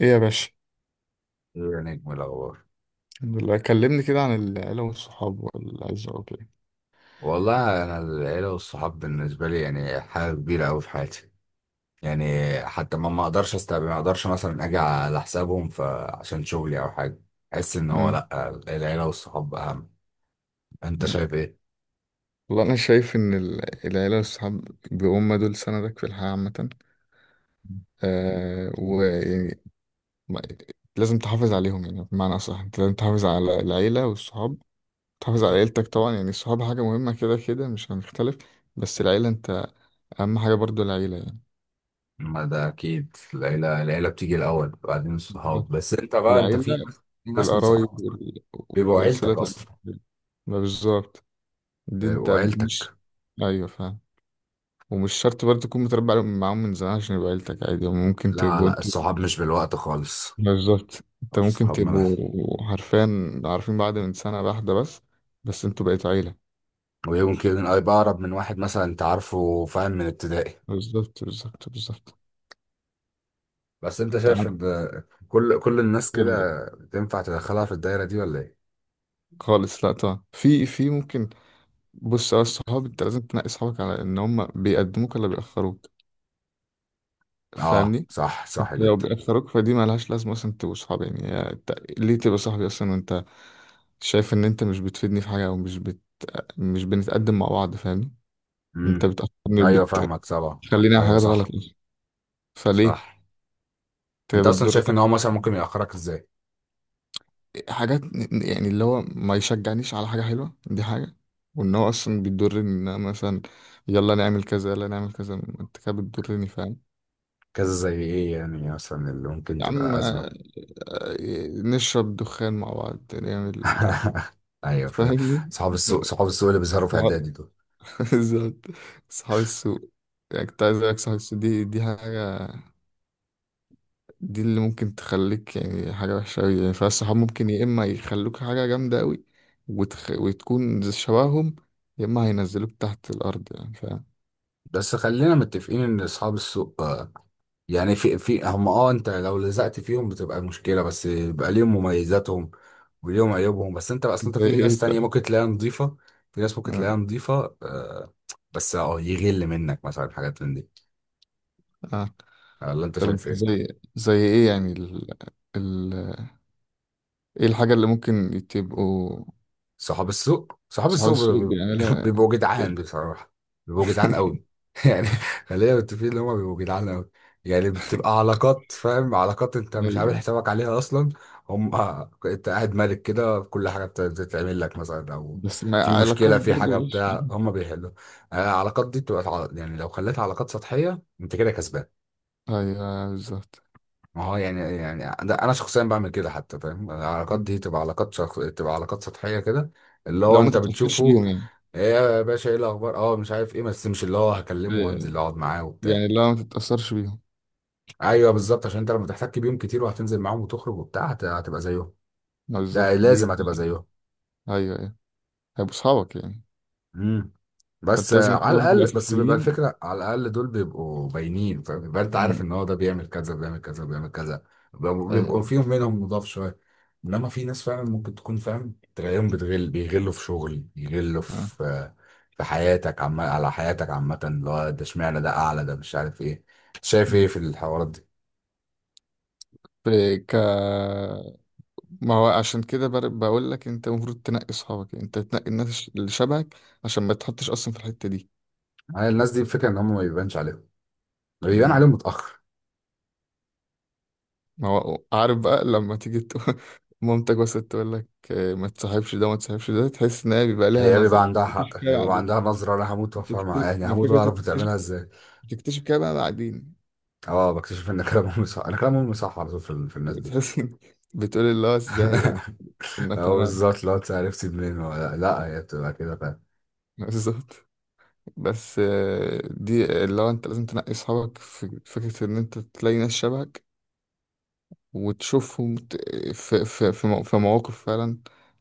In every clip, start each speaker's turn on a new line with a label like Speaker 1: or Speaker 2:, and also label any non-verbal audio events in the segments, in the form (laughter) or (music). Speaker 1: ايه يا باشا.
Speaker 2: يا نجم الأخبار.
Speaker 1: الحمد لله. كلمني كده عن العيلة والصحاب والعزة وكده.
Speaker 2: والله أنا العيلة والصحاب بالنسبة لي يعني حاجة كبيرة أوي في حياتي. يعني حتى ما أقدرش أستقبل، ما أقدرش مثلا أجي على حسابهم فعشان شغلي أو حاجة، أحس إن هو
Speaker 1: امم
Speaker 2: لأ، العيلة والصحاب أهم. أنت
Speaker 1: أمم.
Speaker 2: شايف إيه؟
Speaker 1: والله انا شايف ان العيلة والصحاب، بيهم دول سندك في الحياة عامة. ويعني ما- لازم تحافظ عليهم، يعني بمعنى اصح انت لازم تحافظ على العيلة والصحاب، تحافظ على عيلتك طبعا. يعني الصحاب حاجة مهمة كده كده، مش هنختلف، بس العيلة انت اهم حاجة برضو العيلة يعني.
Speaker 2: ما ده أكيد العيلة بتيجي الأول بعدين الصحاب،
Speaker 1: بالظبط.
Speaker 2: بس أنت بقى أنت في،
Speaker 1: العيلة
Speaker 2: في ناس من
Speaker 1: والقرايب
Speaker 2: صحابك بيبقوا
Speaker 1: وصلة
Speaker 2: عيلتك
Speaker 1: الرحم.
Speaker 2: أصلا،
Speaker 1: ما بالظبط. دي انت
Speaker 2: بيبقوا
Speaker 1: مش...
Speaker 2: عيلتك.
Speaker 1: ايوه فاهم. ومش شرط برضه تكون معاهم من زمان عشان يبقى عيلتك، عادي هم ممكن
Speaker 2: لا
Speaker 1: تبقوا
Speaker 2: لا،
Speaker 1: انتوا
Speaker 2: الصحاب مش بالوقت خالص،
Speaker 1: بالظبط، انت ممكن
Speaker 2: الصحاب ملهاش.
Speaker 1: تبقوا حرفيا عارفين بعض من سنة واحدة بس، بس انتوا بقيتوا عيلة.
Speaker 2: ويمكن هيبقى أقرب من واحد مثلا أنت عارفه، فاهم، من ابتدائي.
Speaker 1: بالظبط بالظبط بالظبط.
Speaker 2: بس أنت
Speaker 1: انت
Speaker 2: شايف
Speaker 1: عندك
Speaker 2: إن كل الناس
Speaker 1: خبرة.
Speaker 2: كده تنفع تدخلها في الدايرة دي ولا إيه؟
Speaker 1: خالص، لا طبعا، في ممكن. بص يا الصحاب، انت لازم تنقي صحابك على ان هم بيقدموك ولا بيأخروك.
Speaker 2: أه،
Speaker 1: فاهمني.
Speaker 2: صح، صح
Speaker 1: انت لو
Speaker 2: جدا.
Speaker 1: بيأثروك فدي ملهاش لازمة اصلا تبقوا صحاب، يعني يا انت ليه تبقى صاحبي اصلا وانت شايف ان انت مش بتفيدني في حاجة او مش مش بنتقدم مع بعض. فاهمني. انت
Speaker 2: امم.
Speaker 1: بتأثرني
Speaker 2: أيوه فاهمك طبعا.
Speaker 1: وبتخليني اعمل
Speaker 2: أيوه
Speaker 1: حاجات غلط
Speaker 2: صح.
Speaker 1: اصلا،
Speaker 2: صح.
Speaker 1: فليه انت
Speaker 2: أنت أصلا
Speaker 1: بتضر
Speaker 2: شايف إن هو
Speaker 1: نفسك.
Speaker 2: مثلا ممكن يأخرك إزاي؟
Speaker 1: حاجات، يعني اللي هو ما يشجعنيش على حاجة حلوة، دي حاجة. وان هو اصلا بيضرني، ان انا مثلا يلا نعمل كذا يلا نعمل كذا، انت كده بتضرني، فاهم؟
Speaker 2: كذا زي إيه يعني، مثلا اللي ممكن
Speaker 1: يا عم
Speaker 2: تبقى أزمة.
Speaker 1: نشرب دخان مع بعض نعمل.
Speaker 2: (laughs) أيوه فاهم.
Speaker 1: فاهمني.
Speaker 2: صحاب السوق، صحاب السوق اللي بيظهروا في
Speaker 1: صحاب-
Speaker 2: إعدادي دول.
Speaker 1: (laughs) بالظبط. صحاب السوق. يعني كنت عايز اقولك صحاب السوق، دي حاجة، دي اللي ممكن تخليك يعني حاجة وحشة أوي يعني. فالصحاب ممكن يا إما يخلوك حاجة جامدة أوي وتخ... وتكون زي شبههم، يا إما هينزلوك تحت الأرض، يعني فاهم؟
Speaker 2: بس خلينا متفقين ان اصحاب السوق يعني في هم، اه، انت لو لزقت فيهم بتبقى مشكلة، بس بيبقى ليهم مميزاتهم وليهم عيوبهم. بس انت اصلا انت
Speaker 1: زي
Speaker 2: في
Speaker 1: إيه
Speaker 2: ناس تانية
Speaker 1: طيب؟
Speaker 2: ممكن تلاقيها نظيفة. في ناس ممكن
Speaker 1: آه.
Speaker 2: تلاقيها نظيفة، آه. بس اه، يغل منك مثلا حاجات من دي،
Speaker 1: آه.
Speaker 2: ولا انت
Speaker 1: طب
Speaker 2: شايف
Speaker 1: أنت
Speaker 2: ايه؟
Speaker 1: زي زي إيه يعني... ال... ال... إيه الحاجة اللي ممكن تبقوا
Speaker 2: صحاب السوق، صحاب
Speaker 1: صحاب
Speaker 2: السوق
Speaker 1: السوق
Speaker 2: بيبقوا،
Speaker 1: بيعملها؟
Speaker 2: بيبقوا (laughs) جدعان بصراحة. بيبقوا جدعان قوي.
Speaker 1: (laughs)
Speaker 2: (laughs) يعني خلينا متفقين ان هم بيبقوا جدعان قوي. يعني بتبقى علاقات، فاهم، علاقات انت مش عامل
Speaker 1: أيوة.
Speaker 2: حسابك عليها اصلا. هم (laughs) انت قاعد مالك كده في كل حاجة بتتعمل لك مثلا، او
Speaker 1: بس ما
Speaker 2: في
Speaker 1: علاقات
Speaker 2: مشكلة في حاجة
Speaker 1: برضه مش...
Speaker 2: بتاع هم بيحلوا. آه، العلاقات دي بتبقى يعني لو خليتها علاقات سطحية انت كده كسبان.
Speaker 1: أيوه بالظبط.
Speaker 2: ما هو يعني، يعني ده انا شخصيا بعمل كده حتى، فاهم، العلاقات دي تبقى تبقى علاقات سطحيه كده، اللي هو
Speaker 1: لو ما
Speaker 2: انت
Speaker 1: تتأثرش
Speaker 2: بتشوفه.
Speaker 1: بيهم يعني.
Speaker 2: ايه يا باشا، ايه الاخبار، اه مش عارف ايه، بس مش اللي هو هكلمه
Speaker 1: أيوة.
Speaker 2: وانزل
Speaker 1: أيوة.
Speaker 2: اقعد معاه وبتاع.
Speaker 1: يعني لو ما تتأثرش بيهم.
Speaker 2: ايوه بالظبط، عشان انت لما تحتك بيهم كتير وهتنزل معاهم وتخرج وبتاع هتبقى زيهم، ده
Speaker 1: بالظبط دي.
Speaker 2: لازم هتبقى زيهم.
Speaker 1: أيوه أيوه. هيبقوا أصحابك يعني.
Speaker 2: امم. بس
Speaker 1: فأنت
Speaker 2: آه،
Speaker 1: لازم
Speaker 2: على
Speaker 1: تعرف
Speaker 2: الاقل، بس بيبقى
Speaker 1: الأساسيين.
Speaker 2: الفكره على الاقل دول بيبقوا باينين، فاهم، يبقى انت عارف
Speaker 1: مم.
Speaker 2: ان هو ده بيعمل كذا بيعمل كذا بيعمل كذا. بيبقوا
Speaker 1: أيوه.
Speaker 2: بيبقوا فيهم منهم مضاف شويه. انما في ناس فعلا ممكن تكون، فاهم، تلاقيهم بتغل، بيغلوا في شغل، يغلوا
Speaker 1: آه.
Speaker 2: في في حياتك، على حياتك عامة، اللي هو ده اشمعنى ده اعلى ده مش عارف ايه. شايف ايه
Speaker 1: مم.
Speaker 2: في الحوارات دي؟
Speaker 1: في ك... ما هو عشان كده بقول لك أنت المفروض تنقي أصحابك، يعني أنت تنقي الناس اللي شبهك عشان ما تحطش أصلا في الحتة دي.
Speaker 2: يعني الناس دي الفكرة ان هم ما بيبانش عليهم، بيبان عليهم
Speaker 1: مم.
Speaker 2: متأخر.
Speaker 1: ما هو عارف بقى لما تيجي تقول (laughs) مامتك بس تقول لك ما تصاحبش ده ما تصاحبش ده، تحس إن هي بيبقى ليها
Speaker 2: هي بيبقى
Speaker 1: نظرة،
Speaker 2: عندها
Speaker 1: مفيش
Speaker 2: حق، هي
Speaker 1: كده
Speaker 2: بيبقى
Speaker 1: عادي.
Speaker 2: عندها نظرة، انا هموت وافهمها، يعني
Speaker 1: ما
Speaker 2: هموت
Speaker 1: فكرة
Speaker 2: واعرف
Speaker 1: انت بتكتشف،
Speaker 2: بتعملها ازاي.
Speaker 1: بتكتشف كده بقى بعدين.
Speaker 2: اه، بكتشف ان كلام امي صح، انا كلام امي صح على طول في، في الناس دي.
Speaker 1: بتحس إن... بتقول اللي هو ازاي يعني كنا
Speaker 2: (laughs) اه
Speaker 1: تمام.
Speaker 2: بالظبط، لو انت عرفتي منين ولا لا، هي بتبقى كده.
Speaker 1: (laughs) بالظبط. بس دي اللي هو انت لازم تنقي اصحابك، في فكرة ان انت تلاقي ناس شبهك وتشوفهم في في مواقف فعلا،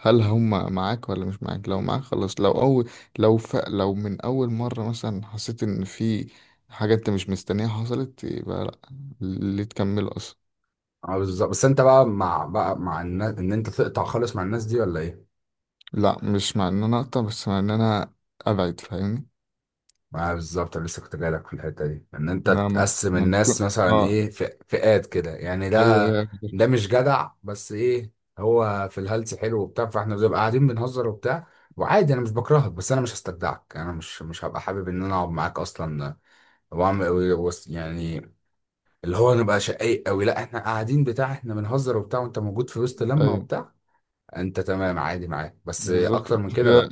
Speaker 1: هل هم معاك ولا مش معاك؟ لو معاك خلاص. لو اول، لو من اول مرة مثلا حسيت ان في حاجة انت مش مستنيها حصلت، يبقى لا، ليه تكمل اصلا.
Speaker 2: اه بالظبط، بس انت بقى مع الناس ان انت تقطع خالص مع الناس دي، ولا ايه؟
Speaker 1: لا مش مع ان انا اقطع، بس مع ان انا ابعد. فاهمني.
Speaker 2: اه بالظبط، انا لسه كنت جايلك في الحته دي، ان انت
Speaker 1: نعم. ما
Speaker 2: تقسم
Speaker 1: ما تكون...
Speaker 2: الناس مثلا
Speaker 1: اه.
Speaker 2: ايه، فئات كده، يعني
Speaker 1: ايوه
Speaker 2: ده
Speaker 1: ايوه.
Speaker 2: ده مش جدع بس ايه، هو في الهلس حلو وبتاع، فاحنا بنبقى قاعدين بنهزر وبتاع، وعادي انا مش بكرهك، بس انا مش هستجدعك، انا مش هبقى حابب ان انا اقعد معاك اصلا واعمل يعني اللي هو نبقى شقيق قوي، لا احنا قاعدين بتاع، احنا بنهزر وبتاع وانت موجود في وسط لمه
Speaker 1: ايوه
Speaker 2: وبتاع، انت تمام عادي معاك، بس
Speaker 1: بالظبط.
Speaker 2: اكتر من
Speaker 1: انت
Speaker 2: كده
Speaker 1: كده
Speaker 2: لا.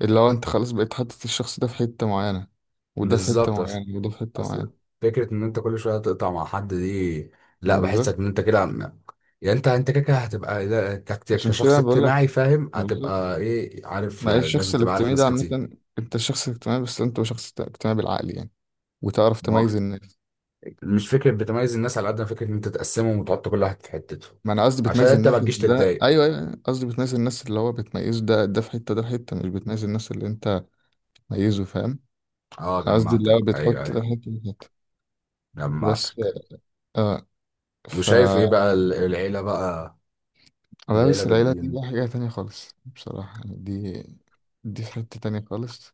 Speaker 1: اللي هو انت خلاص بقيت حاطط الشخص ده في حتة معينة، وده في حتة
Speaker 2: بالظبط. اصل،
Speaker 1: معينة، وده في حتة معينة.
Speaker 2: اصل فكره ان انت كل شويه تقطع مع حد دي، لا،
Speaker 1: ما
Speaker 2: بحسك
Speaker 1: بالظبط.
Speaker 2: ان انت كده يعني انت، انت كده كده هتبقى لا،
Speaker 1: عشان
Speaker 2: كشخص
Speaker 1: كده بقول
Speaker 2: اجتماعي،
Speaker 1: لك.
Speaker 2: فاهم،
Speaker 1: ما بالظبط.
Speaker 2: هتبقى ايه عارف،
Speaker 1: ما هي
Speaker 2: يعني
Speaker 1: الشخص
Speaker 2: لازم تبقى عارف
Speaker 1: الاجتماعي
Speaker 2: ناس
Speaker 1: ده
Speaker 2: كتير.
Speaker 1: عامة، انت شخص اجتماعي، بس انت شخص اجتماعي بالعقل يعني، وتعرف
Speaker 2: ما هو
Speaker 1: تميز الناس.
Speaker 2: مش فكره بتميز الناس، على قد ما فكره ان انت تقسمهم وتحط كل واحد في حتته،
Speaker 1: ما انا قصدي
Speaker 2: عشان
Speaker 1: بتميز
Speaker 2: انت ما
Speaker 1: الناس
Speaker 2: تجيش
Speaker 1: اللي ده،
Speaker 2: تتضايق.
Speaker 1: ايوه ايوه أيوة. قصدي بتميز الناس اللي هو بتميز، ده في حتة ده في حتة، مش بتميز الناس اللي انت ميزه. فاهم.
Speaker 2: اه
Speaker 1: انا قصدي اللي
Speaker 2: جمعتك،
Speaker 1: هو
Speaker 2: ايوه
Speaker 1: بتحط ده في
Speaker 2: ايوه،
Speaker 1: حتة ده في حتة، بس.
Speaker 2: جمعتك.
Speaker 1: اه. ف.
Speaker 2: وشايف ايه بقى العيله بقى؟
Speaker 1: لا
Speaker 2: العيله
Speaker 1: بس العيلة دي
Speaker 2: بتدين.
Speaker 1: بقى حاجة تانية خالص بصراحة يعني، دي في حتة تانية خالص.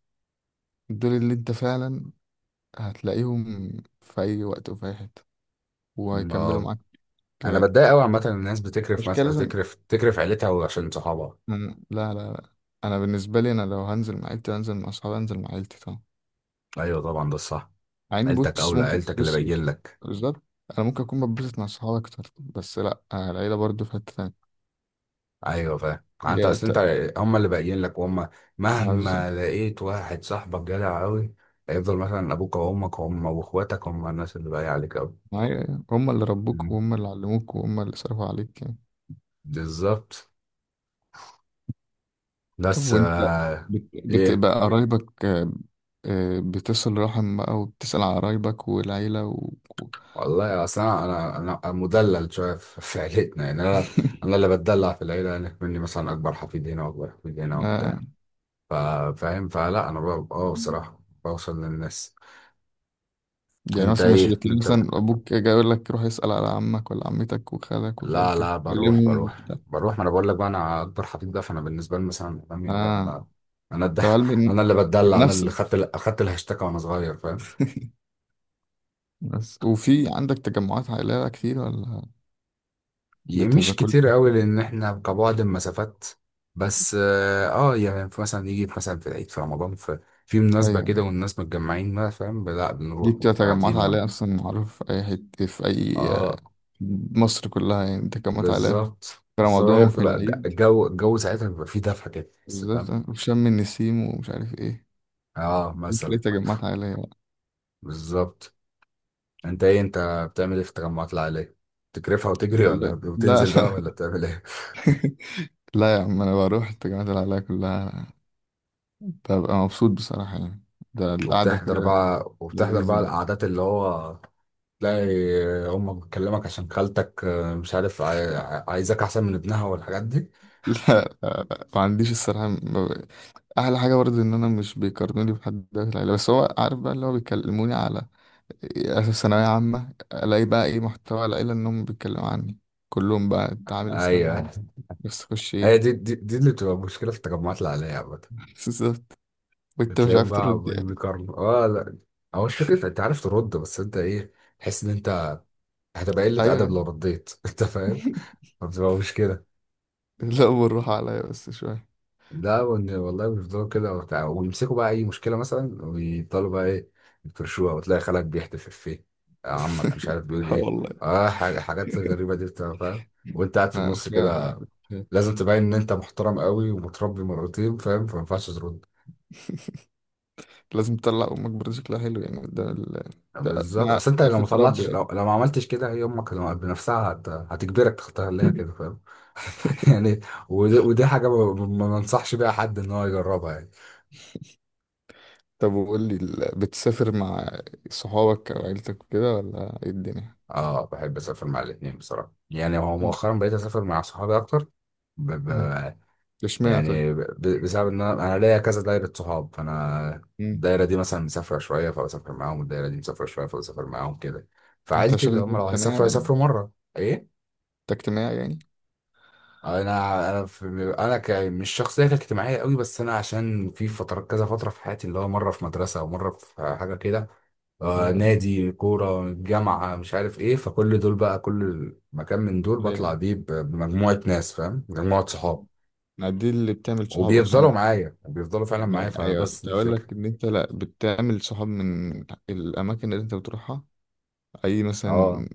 Speaker 1: دول اللي انت فعلا هتلاقيهم في أي وقت وفي أي حتة، وهيكملوا معاك
Speaker 2: انا
Speaker 1: لغاية.
Speaker 2: بتضايق قوي عامه إن الناس بتكرف
Speaker 1: مش كده لازم.
Speaker 2: تكرف، تكرف عيلتها وعشان صحابها.
Speaker 1: لا لا لا. أنا بالنسبة لي أنا لو هنزل مع عيلتي، هنزل مع أصحابي هنزل مع عيلتي طبعا.
Speaker 2: ايوه طبعا، ده الصح،
Speaker 1: مع إني
Speaker 2: عيلتك
Speaker 1: بص
Speaker 2: اولى،
Speaker 1: ممكن،
Speaker 2: عيلتك اللي
Speaker 1: بص
Speaker 2: باين
Speaker 1: بص
Speaker 2: لك.
Speaker 1: بالظبط. أنا ممكن أكون بتبسط مع أصحابي أكتر، بس لا، العيلة برضو في حتة تانية.
Speaker 2: ايوه فاهم، انت
Speaker 1: هي
Speaker 2: اصل انت،
Speaker 1: ت-
Speaker 2: هم اللي باين لك، وهم مهما لقيت واحد صاحبك جدع قوي، هيفضل مثلا ابوك وامك هم واخواتك، هم الناس اللي باقي عليك قوي.
Speaker 1: معايا هم اللي ربوك
Speaker 2: مم.
Speaker 1: وهم اللي علموك وهم اللي صرفوا عليك.
Speaker 2: بالظبط.
Speaker 1: طب
Speaker 2: بس
Speaker 1: وانت
Speaker 2: آه... ايه.
Speaker 1: بتبقى قرايبك، بتصل رحم بقى وبتسأل على قرايبك والعيلة و-
Speaker 2: والله اصل انا أنا مدلل شويه في في عيلتنا، يعني انا، انا
Speaker 1: (laughs)
Speaker 2: اللي بتدلع في العيله، يعني مني مثلا اكبر حفيد هنا واكبر حفيد هنا وبتاع،
Speaker 1: آه.
Speaker 2: فاهم، فلا انا اه بصراحه بوصل للناس.
Speaker 1: يعني
Speaker 2: انت
Speaker 1: مثلا مش
Speaker 2: ايه
Speaker 1: بتلاقي
Speaker 2: انت؟
Speaker 1: مثلا أبوك جاي يقول لك روح اسأل على عمك ولا عمتك وخالك
Speaker 2: لا
Speaker 1: وخالتك
Speaker 2: لا، بروح
Speaker 1: كلمهم
Speaker 2: بروح
Speaker 1: وبتاع.
Speaker 2: بروح ما انا بقول لك بقى، انا اكبر حفيد بقى، فانا بالنسبه لي مثلا امي، لا
Speaker 1: آه.
Speaker 2: انا، انا الد...
Speaker 1: طب هل
Speaker 2: (laughs)
Speaker 1: من
Speaker 2: انا اللي
Speaker 1: من
Speaker 2: بتدلع، انا اللي
Speaker 1: نفسك؟
Speaker 2: خدت اخدت الهاشتاج وانا صغير، فاهم.
Speaker 1: (laughs) بس وفي عندك تجمعات عائلية كتير، ولا بتبقى
Speaker 2: مش
Speaker 1: كل
Speaker 2: كتير قوي
Speaker 1: فترة كده؟
Speaker 2: لان احنا كبعد المسافات، بس اه آه، يعني في مثلا يجي في مثلا في العيد في رمضان في في مناسبه
Speaker 1: أيوة.
Speaker 2: كده والناس متجمعين، ما فاهم، لا
Speaker 1: دي
Speaker 2: بنروح
Speaker 1: بتبقى
Speaker 2: ونبقى
Speaker 1: تجمعات
Speaker 2: قاعدين
Speaker 1: عائلية، أصلا معروف في أي حتة في أي
Speaker 2: اه
Speaker 1: مصر كلها يعني تجمعات عائلية.
Speaker 2: بالظبط
Speaker 1: في
Speaker 2: بالظبط،
Speaker 1: رمضان
Speaker 2: هي
Speaker 1: وفي
Speaker 2: بتبقى
Speaker 1: العيد
Speaker 2: الجو، الجو ساعتها بيبقى فيه دفى كده بس،
Speaker 1: بالذات،
Speaker 2: فاهم.
Speaker 1: في شم النسيم ومش عارف ايه،
Speaker 2: اه
Speaker 1: تلاقي
Speaker 2: مثلا.
Speaker 1: تجمعات عائلية بقى.
Speaker 2: بالظبط. انت ايه انت؟ بتعمل ايه في التجمعات العائليه؟ تكرفها وتجري،
Speaker 1: لا
Speaker 2: ولا
Speaker 1: لا
Speaker 2: وتنزل بقى، ولا
Speaker 1: لا. (laughs)
Speaker 2: بتعمل ايه؟
Speaker 1: لا يا عم انا بروح التجمعات العائلية كلها، ببقى مبسوط بصراحة يعني. ده
Speaker 2: (laughs)
Speaker 1: القعدة
Speaker 2: وبتحضر
Speaker 1: كده
Speaker 2: بقى، وبتحضر
Speaker 1: لذيذة
Speaker 2: بقى
Speaker 1: يعني.
Speaker 2: القعدات اللي هو، تلاقي امك بتكلمك عشان خالتك، آه، مش عارف، عايزاك احسن من ابنها والحاجات دي.
Speaker 1: (laughs) لا ما عنديش الصراحة ما ب- أحلى حاجة برضه إن أنا مش بيقارنوني بحد ده في العيلة. بس هو عارف بقى اللي هو بيكلموني على أساس ثانوية عامة، ألاقي بقى إيه محتوى العيلة إنهم بيتكلموا عني كلهم بقى، أنت عامل إيه في الثانوية
Speaker 2: ايوه.
Speaker 1: العامة، بس تخش
Speaker 2: هي
Speaker 1: إيه؟
Speaker 2: دي، دي اللي بتبقى مشكله في التجمعات العائليه عامه.
Speaker 1: (laughs) بالظبط. وأنت مش
Speaker 2: بتلاقيهم
Speaker 1: عارف
Speaker 2: بقى
Speaker 1: ترد.
Speaker 2: عمالين بيكرموا، اه لا، هو مش فكرة انت عارف ترد، بس انت ايه، تحس ان انت هتبقى قلة
Speaker 1: ايوه.
Speaker 2: أدب لو
Speaker 1: (laughs)
Speaker 2: رديت. (laughs) انت فاهم؟ فبتبقى مش كده.
Speaker 1: لا بالراحه عليا بس شويه.
Speaker 2: لا وإن- والله بيفضلوا كده وبتاع، ويمسكوا بقى أي مشكلة مثلا ويفضلوا بقى إيه يفرشوها، وتلاقي خالك بيحتف إفيه، آه، عمك مش
Speaker 1: (laughs)
Speaker 2: عارف بيقول
Speaker 1: اه
Speaker 2: إيه،
Speaker 1: والله.
Speaker 2: آه، حاجات غريبة دي بتبقى، فاهم، وأنت قاعد في
Speaker 1: لا
Speaker 2: النص
Speaker 1: أخويا
Speaker 2: كده.
Speaker 1: كنت...
Speaker 2: لازم تبين إن أنت محترم قوي ومتربي مرتين، فاهم، فما ينفعش ترد.
Speaker 1: لازم تطلع امك برضه شكلها حلو يعني قدام ال...
Speaker 2: بالظبط،
Speaker 1: أنا
Speaker 2: اصل انت لو
Speaker 1: عارف
Speaker 2: ما
Speaker 1: تربي
Speaker 2: طلعتش،
Speaker 1: يعني.
Speaker 2: لو ما عملتش كده، هي امك لو بنفسها هتجبرك تخليها كده، فاهم. (laughs)
Speaker 1: (laughs)
Speaker 2: يعني ودي، ودي حاجه ما انصحش بيها حد ان هو يجربها يعني.
Speaker 1: طب وقول لي بتسافر مع صحابك او عيلتك وكده، ولا ايه الدنيا؟
Speaker 2: اه، بحب اسافر مع الاثنين بصراحه، يعني هو
Speaker 1: م-
Speaker 2: مؤخرا بقيت اسافر مع صحابي اكتر. ب... ب...
Speaker 1: م. اشمعنى طيب.
Speaker 2: يعني بسبب ان انا ليا كذا دايره صحاب، فانا
Speaker 1: م.
Speaker 2: الدايره دي مثلا مسافره شويه فبسافر معاهم، والدايره دي مسافره شويه فبسافر معاهم كده،
Speaker 1: انت
Speaker 2: فعيلتي
Speaker 1: عشان
Speaker 2: اللي
Speaker 1: انت
Speaker 2: هم لو
Speaker 1: اجتماعي
Speaker 2: هيسافروا
Speaker 1: يعني.
Speaker 2: هيسافروا مره. ايه.
Speaker 1: انت اجتماعي يعني.
Speaker 2: انا في، انا مش شخصيه كانت اجتماعيه قوي، بس انا عشان في فتره، كذا فتره في حياتي، اللي هو مره في مدرسه ومره في حاجه كده، آه
Speaker 1: ايوه
Speaker 2: نادي كوره، جامعه، مش عارف ايه، فكل دول بقى، كل مكان من دول
Speaker 1: ايوه
Speaker 2: بطلع
Speaker 1: أيوة.
Speaker 2: بيه بمجموعه ناس، فاهم، مجموعه صحاب،
Speaker 1: يعني دي اللي بتعمل صحاب اصلا.
Speaker 2: وبيفضلوا معايا، بيفضلوا فعلا
Speaker 1: ما
Speaker 2: معايا،
Speaker 1: ايوه،
Speaker 2: فبس
Speaker 1: كنت
Speaker 2: دي
Speaker 1: اقول
Speaker 2: الفكره.
Speaker 1: لك ان انت لا بتعمل صحاب من الاماكن اللي انت بتروحها. اي
Speaker 2: اه
Speaker 1: مثلا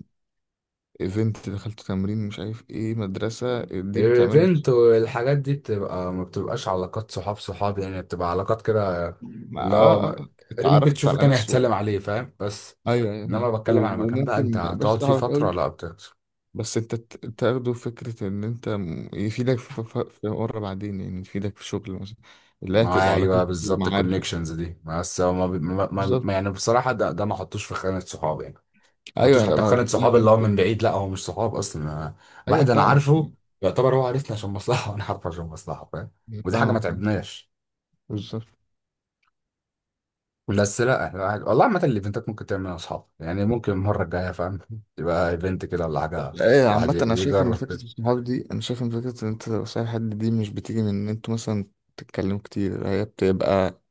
Speaker 1: ايفنت، دخلت تمرين، مش عارف ايه، مدرسه، دي بتعمل لك
Speaker 2: الايفنت
Speaker 1: صحاب.
Speaker 2: والحاجات دي بتبقى، ما بتبقاش علاقات صحاب صحاب يعني، بتبقى علاقات كده،
Speaker 1: ما اه،
Speaker 2: اللي هو ما- ممكن
Speaker 1: اتعرفت
Speaker 2: تشوفه
Speaker 1: على
Speaker 2: تاني
Speaker 1: ناس
Speaker 2: هتسلم عليه، فاهم، بس
Speaker 1: ايوه ايوه
Speaker 2: انما
Speaker 1: فاهم.
Speaker 2: بتكلم على مكان بقى انت
Speaker 1: وممكن ما يبقاش
Speaker 2: هتقعد فيه
Speaker 1: صاحبك
Speaker 2: فترة،
Speaker 1: قوي،
Speaker 2: لا بتخسر.
Speaker 1: بس انت تاخده فكره ان انت يفيدك في مره بعدين، يعني يفيدك في شغل مثلا، اللي هي
Speaker 2: ما
Speaker 1: تبقى
Speaker 2: ايوه
Speaker 1: علاقتك
Speaker 2: بالظبط،
Speaker 1: ومعارف يعني.
Speaker 2: الكونكشنز دي، بس هو ما بي- ما ما-
Speaker 1: بالظبط.
Speaker 2: ما- يعني بصراحة ده ما حطوش في خانة صحاب يعني، ما حطوش
Speaker 1: ايوه لا
Speaker 2: حتى في
Speaker 1: ما
Speaker 2: خانة صحاب،
Speaker 1: بكلمك إن
Speaker 2: اللي هو من بعيد، لا هو مش صحاب اصلا.
Speaker 1: ايوه
Speaker 2: واحد انا
Speaker 1: فاهمك.
Speaker 2: عارفه، يعتبر هو عارفني عشان مصلحة، (laughs) وانا عارفه عشان مصلحة، فاهم، ودي حاجة ما
Speaker 1: فاهمك.
Speaker 2: تعبناش.
Speaker 1: بالظبط.
Speaker 2: بس لا، والله عامة الايفنتات ممكن تعملها اصحاب يعني، ممكن المرة الجاية فاهم تبقى ايفنت كده ولا حاجة.
Speaker 1: ايه. (laughs)
Speaker 2: الواحد
Speaker 1: عامة انا شايف ان
Speaker 2: يجرب
Speaker 1: فكرة
Speaker 2: كده.
Speaker 1: الصحاب دي، انا شايف ان فكرة ان انت تبقى صاحب حد دي، مش بتيجي من ان انتوا مثلا تتكلموا كتير، هي بتبقى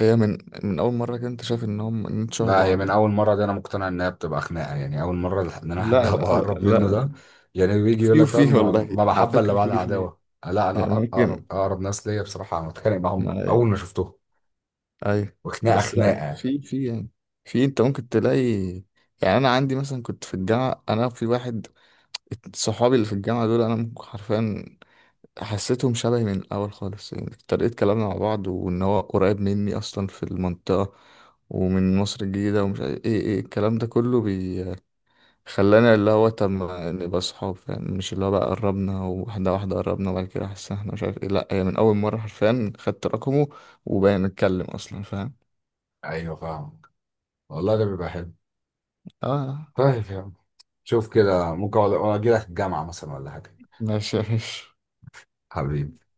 Speaker 1: هي من من اول مرة كده انت شايف ان هم ان انتوا شبه
Speaker 2: لا، هي
Speaker 1: بعض
Speaker 2: من
Speaker 1: يعني.
Speaker 2: اول مرة دي انا مقتنع انها بتبقى خناقة يعني، اول مرة ان انا حد (laughs)
Speaker 1: لا لا
Speaker 2: هبقى
Speaker 1: لا
Speaker 2: اقرب منه
Speaker 1: لا.
Speaker 2: ده، يعني بيجي يقول
Speaker 1: في
Speaker 2: لك،
Speaker 1: وفي،
Speaker 2: فاهم، ما
Speaker 1: والله
Speaker 2: ما
Speaker 1: على
Speaker 2: محبة الا
Speaker 1: فكرة
Speaker 2: بعد
Speaker 1: في وفي.
Speaker 2: عداوة. لا، انا
Speaker 1: يعني
Speaker 2: اقرب،
Speaker 1: ممكن.
Speaker 2: اقرب ناس ليا بصراحة انا بتخانق
Speaker 1: ما
Speaker 2: معاهم اول
Speaker 1: ايه.
Speaker 2: ما شفتهم،
Speaker 1: ايوه.
Speaker 2: وخناقة
Speaker 1: بس لا
Speaker 2: خناقة يعني.
Speaker 1: في يعني، في انت ممكن تلاقي، يعني انا عندي مثلا كنت في الجامعة، انا في واحد صحابي اللي في الجامعة دول، انا ممكن حرفيا حسيتهم شبهي من الأول خالص، يعني طريقة كلامنا مع بعض، وإن هو قريب مني أصلا في المنطقة ومن مصر الجديدة ومش عارف إيه، إيه الكلام ده كله بيخلانا اللي هو طب ما نبقى صحاب يعني. مش اللي هو بقى قربنا، واحدة واحدة قربنا وبعد كده حسنا إحنا مش عارف إيه، لأ هي من أول مرة حرفيا خدت رقمه وبقينا نتكلم أصلا. فاهم؟
Speaker 2: ايوه فاهم. والله ده بيبقى حلو.
Speaker 1: آه.
Speaker 2: طيب يا عم، شوف كده ممكن اجي لك الجامعة مثلا ولا حاجة.
Speaker 1: ماشي ماشي.
Speaker 2: حبيبي.